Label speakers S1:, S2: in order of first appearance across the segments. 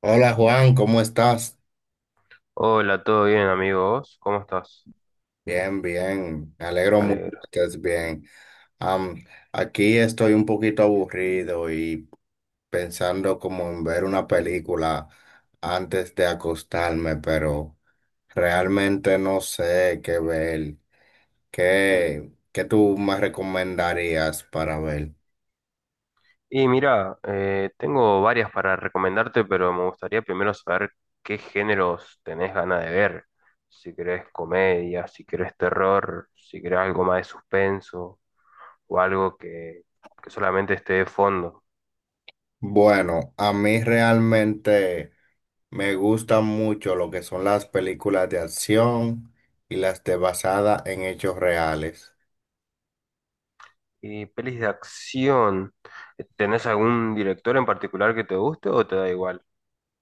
S1: Hola Juan, ¿cómo estás?
S2: Hola, ¿todo bien, amigos? ¿Cómo estás?
S1: Bien, bien. Me alegro
S2: Me
S1: mucho
S2: alegro.
S1: que estés bien. Am, aquí estoy un poquito aburrido y pensando como en ver una película antes de acostarme, pero realmente no sé qué ver. ¿Qué tú me recomendarías para ver?
S2: Y mira, tengo varias para recomendarte, pero me gustaría primero saber qué géneros tenés ganas de ver. Si querés comedia, si querés terror, si querés algo más de suspenso o algo que solamente esté de fondo.
S1: Bueno, a mí realmente me gustan mucho lo que son las películas de acción y las de basada en hechos reales.
S2: Y pelis de acción, ¿tenés algún director en particular que te guste o te da igual?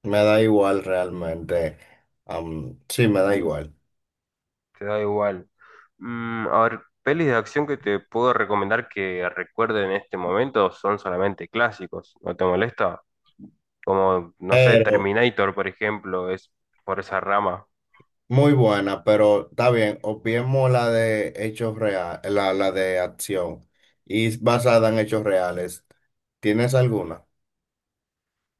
S1: Me da igual realmente. Sí, me da igual.
S2: Te da igual. Mm, a ver, pelis de acción que te puedo recomendar que recuerde en este momento son solamente clásicos, ¿no te molesta? Como, no sé,
S1: Pero
S2: Terminator, por ejemplo, es por esa rama.
S1: muy buena, pero está bien. Obviemos la de hechos reales, la de acción. Y es basada en hechos reales. ¿Tienes alguna?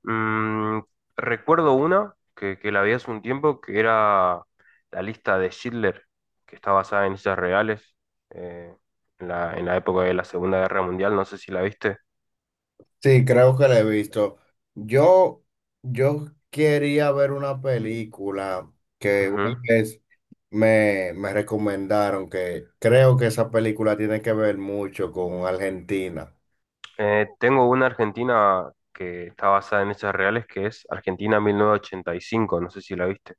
S2: Mm, recuerdo una que la vi hace un tiempo que era la lista de Schindler, que está basada en hechos reales, eh, en la época de la Segunda Guerra Mundial, no sé si la viste.
S1: Sí, creo que la he visto. Yo, yo quería ver una película que una
S2: Ujú.
S1: vez me recomendaron, que creo que esa película tiene que ver mucho con Argentina.
S2: Tengo una Argentina que está basada en hechos reales, que es Argentina 1985, no sé si la viste.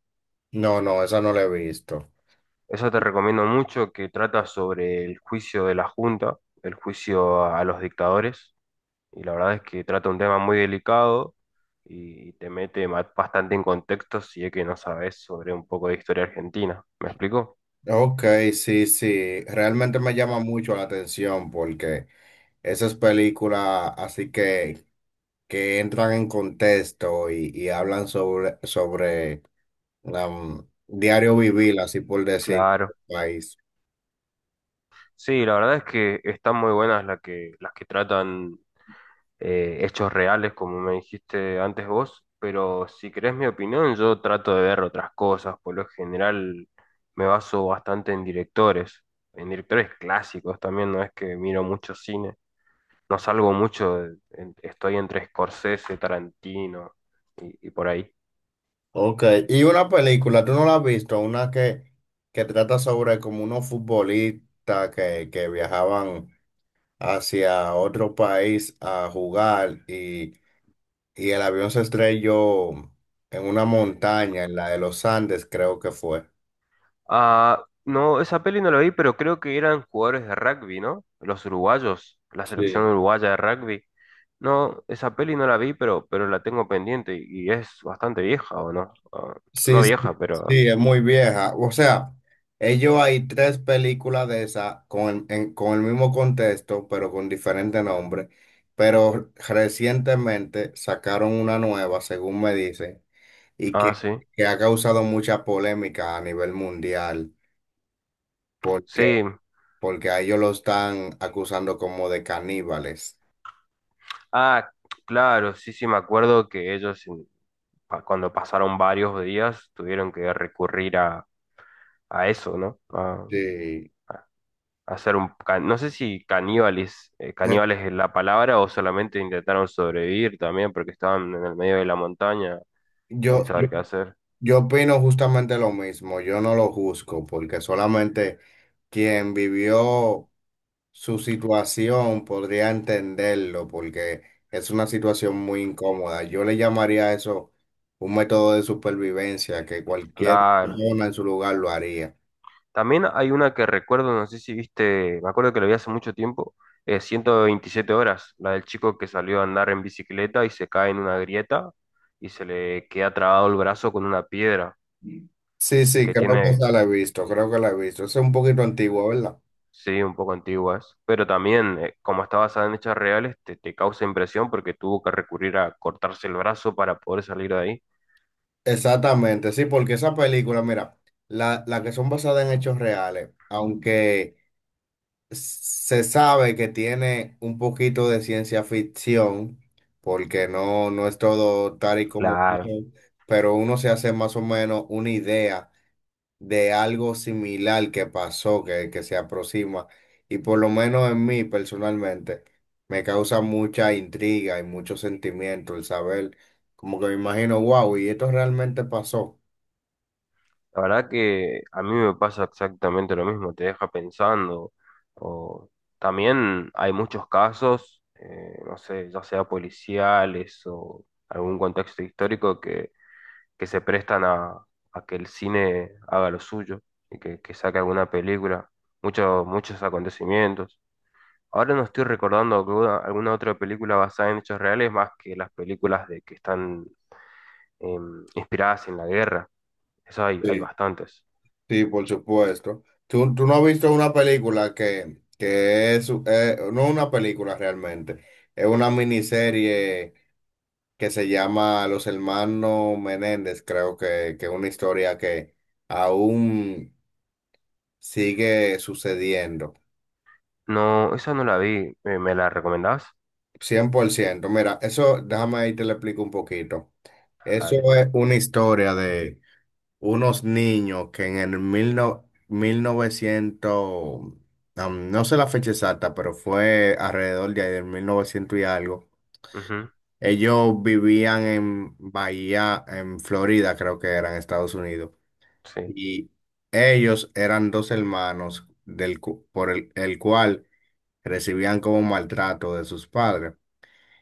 S1: No, no, esa no la he visto.
S2: Esa te recomiendo mucho, que trata sobre el juicio de la Junta, el juicio a los dictadores, y la verdad es que trata un tema muy delicado y te mete bastante en contexto si es que no sabes sobre un poco de historia argentina. ¿Me explico?
S1: Ok, sí, sí, realmente me llama mucho la atención porque esas películas así que entran en contexto y hablan sobre diario vivir, así por decir,
S2: Claro.
S1: país.
S2: Sí, la verdad es que están muy buenas las que tratan hechos reales, como me dijiste antes vos, pero si querés mi opinión, yo trato de ver otras cosas. Por lo general me baso bastante en directores clásicos también, no es que miro mucho cine. No salgo mucho, estoy entre Scorsese, Tarantino y por ahí.
S1: Ok, y una película, ¿tú no la has visto? Una que trata sobre como unos futbolistas que viajaban hacia otro país a jugar, y el avión se estrelló en una montaña, en la de los Andes, creo que fue.
S2: Ah, no, esa peli no la vi, pero creo que eran jugadores de rugby, ¿no? Los uruguayos, la selección
S1: Sí.
S2: uruguaya de rugby. No, esa peli no la vi, pero la tengo pendiente y es bastante vieja, ¿o no? Ah, no
S1: Sí, sí,
S2: vieja, pero...
S1: sí, es muy vieja. O sea, ellos hay tres películas de esa con, con el mismo contexto, pero con diferente nombre. Pero recientemente sacaron una nueva, según me dicen, y
S2: Ah,
S1: que,
S2: sí.
S1: que ha causado mucha polémica a nivel mundial, porque,
S2: Sí.
S1: porque a ellos lo están acusando como de caníbales.
S2: Ah, claro, sí, sí, me acuerdo que ellos cuando pasaron varios días tuvieron que recurrir a eso, ¿no? A,
S1: Sí.
S2: a hacer un... No sé si caníbales,
S1: Eh,
S2: caníbales es la palabra o solamente intentaron sobrevivir también porque estaban en el medio de la montaña sin
S1: Yo, yo
S2: saber qué hacer.
S1: Yo opino justamente lo mismo, yo no lo juzgo porque solamente quien vivió su situación podría entenderlo, porque es una situación muy incómoda. Yo le llamaría a eso un método de supervivencia que cualquier
S2: Claro.
S1: persona en su lugar lo haría.
S2: También hay una que recuerdo, no sé si viste, me acuerdo que la vi hace mucho tiempo, 127 horas, la del chico que salió a andar en bicicleta y se cae en una grieta y se le queda trabado el brazo con una piedra
S1: Sí,
S2: y
S1: sí,
S2: que
S1: creo que
S2: tiene,
S1: esa la he visto, creo que la he visto. Es un poquito antigua, ¿verdad?
S2: sí, un poco antiguas, pero también, como está basada en hechos reales, te causa impresión porque tuvo que recurrir a cortarse el brazo para poder salir de ahí.
S1: Exactamente, sí, porque esa película, mira, la que son basadas en hechos reales, aunque se sabe que tiene un poquito de ciencia ficción, porque no, no es todo tal y como,
S2: Claro.
S1: pero uno se hace más o menos una idea de algo similar que pasó, que se aproxima. Y por lo menos en mí personalmente, me causa mucha intriga y mucho sentimiento el saber, como que me imagino, wow, y esto realmente pasó.
S2: La verdad que a mí me pasa exactamente lo mismo, te deja pensando. O también hay muchos casos, no sé, ya sea policiales o algún contexto histórico que se prestan a que el cine haga lo suyo y que saque alguna película, muchos acontecimientos. Ahora no estoy recordando alguna otra película basada en hechos reales más que las películas de que están inspiradas en la guerra. Eso hay bastantes.
S1: Sí, por supuesto. ¿Tú no has visto una película que es, no una película realmente, es una miniserie que se llama Los Hermanos Menéndez? Creo que es una historia que aún sigue sucediendo,
S2: No, esa no la vi. ¿Me la recomendabas?
S1: 100%. Mira, eso, déjame ahí te lo explico un poquito.
S2: Vale.
S1: Eso es una historia de unos niños que en el mil no- 1900, no sé la fecha exacta, pero fue alrededor de ahí del 1900 y algo.
S2: Ujú.
S1: Ellos vivían en Bahía, en Florida, creo que era en Estados Unidos.
S2: Sí.
S1: Y ellos eran dos hermanos por el cual recibían como maltrato de sus padres.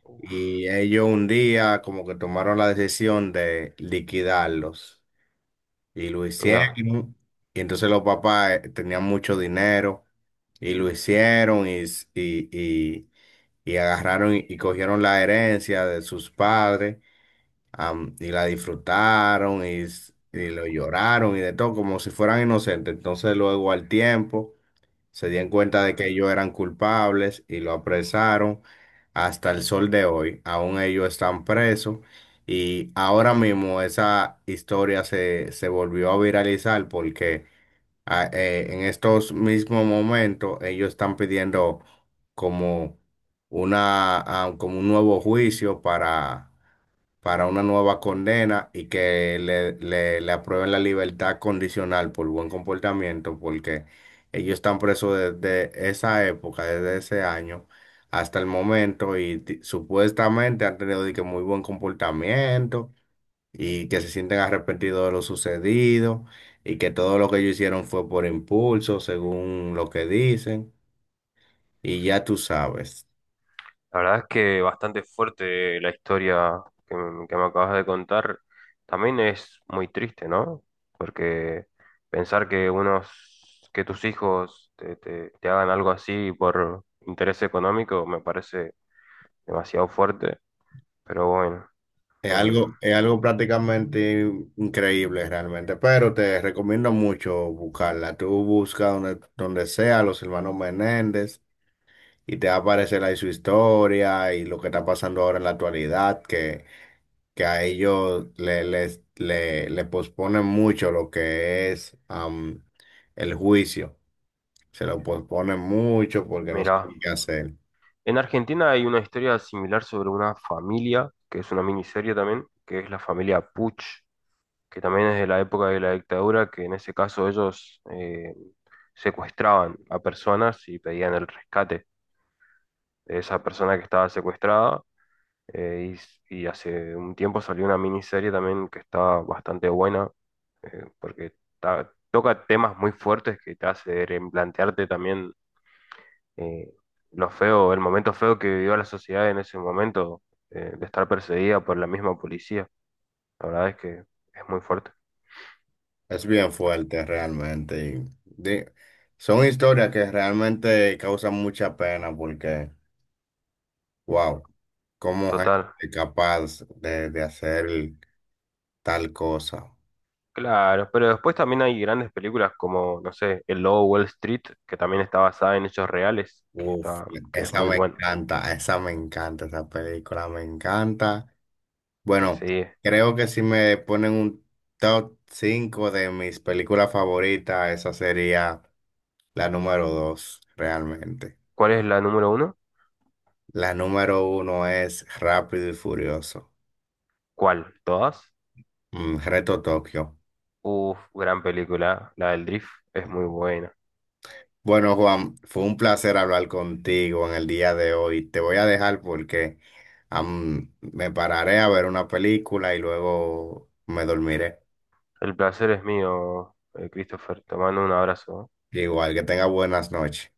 S2: Uf,
S1: Y ellos un día como que tomaron la decisión de liquidarlos. Y lo
S2: mira,
S1: hicieron. Y entonces los papás tenían mucho dinero, y lo hicieron y agarraron y cogieron la herencia de sus padres, y la disfrutaron y lo lloraron y de todo como si fueran inocentes. Entonces luego al tiempo se dieron cuenta de que ellos eran culpables y lo apresaron hasta el sol de hoy. Aún ellos están presos, y ahora mismo esa historia se volvió a viralizar porque en estos mismos momentos ellos están pidiendo como una, como un nuevo juicio, para una nueva condena, y que le aprueben la libertad condicional por buen comportamiento, porque ellos están presos desde esa época, desde ese año hasta el momento, y supuestamente han tenido de que muy buen comportamiento, y que se sienten arrepentidos de lo sucedido, y que todo lo que ellos hicieron fue por impulso, según lo que dicen, y ya tú sabes.
S2: la verdad es que bastante fuerte la historia que me acabas de contar. También es muy triste, ¿no? Porque pensar que unos, que tus hijos te hagan algo así por interés económico me parece demasiado fuerte. Pero bueno, em,
S1: Es algo prácticamente increíble realmente, pero te recomiendo mucho buscarla. Tú busca donde sea los hermanos Menéndez y te va a aparecer ahí su historia y lo que está pasando ahora en la actualidad, que a ellos le posponen mucho lo que es el juicio. Se lo posponen mucho porque no
S2: mira.
S1: saben qué hacer.
S2: En Argentina hay una historia similar sobre una familia, que es una miniserie también, que es la familia Puch, que también es de la época de la dictadura, que en ese caso ellos secuestraban a personas y pedían el rescate de esa persona que estaba secuestrada. eh, y hace un tiempo salió una miniserie también que está bastante buena, porque toca temas muy fuertes que te hace replantearte también eh, lo feo, el momento feo que vivió la sociedad en ese momento, de estar perseguida por la misma policía. La verdad es que es muy fuerte.
S1: Es bien fuerte realmente. Son historias que realmente causan mucha pena, porque, wow, cómo
S2: Total.
S1: gente capaz de hacer tal cosa.
S2: Claro, pero después también hay grandes películas como, no sé, El Lobo de Wall Street, que también está basada en hechos reales, que
S1: Uf,
S2: está, que es
S1: esa
S2: muy
S1: me
S2: bueno.
S1: encanta, esa me encanta, esa película me encanta. Bueno,
S2: Sí.
S1: creo que si me ponen un top 5 de mis películas favoritas, esa sería la número 2 realmente.
S2: ¿Cuál es la número uno?
S1: La número uno es Rápido y Furioso.
S2: ¿Cuál? ¿Todas?
S1: Mm, Reto Tokio.
S2: Uf, gran película. La del Drift es muy buena.
S1: Bueno, Juan, fue un placer hablar contigo en el día de hoy. Te voy a dejar porque me pararé a ver una película y luego me dormiré.
S2: El placer es mío, Christopher. Te mando un abrazo.
S1: Igual que tenga buenas noches.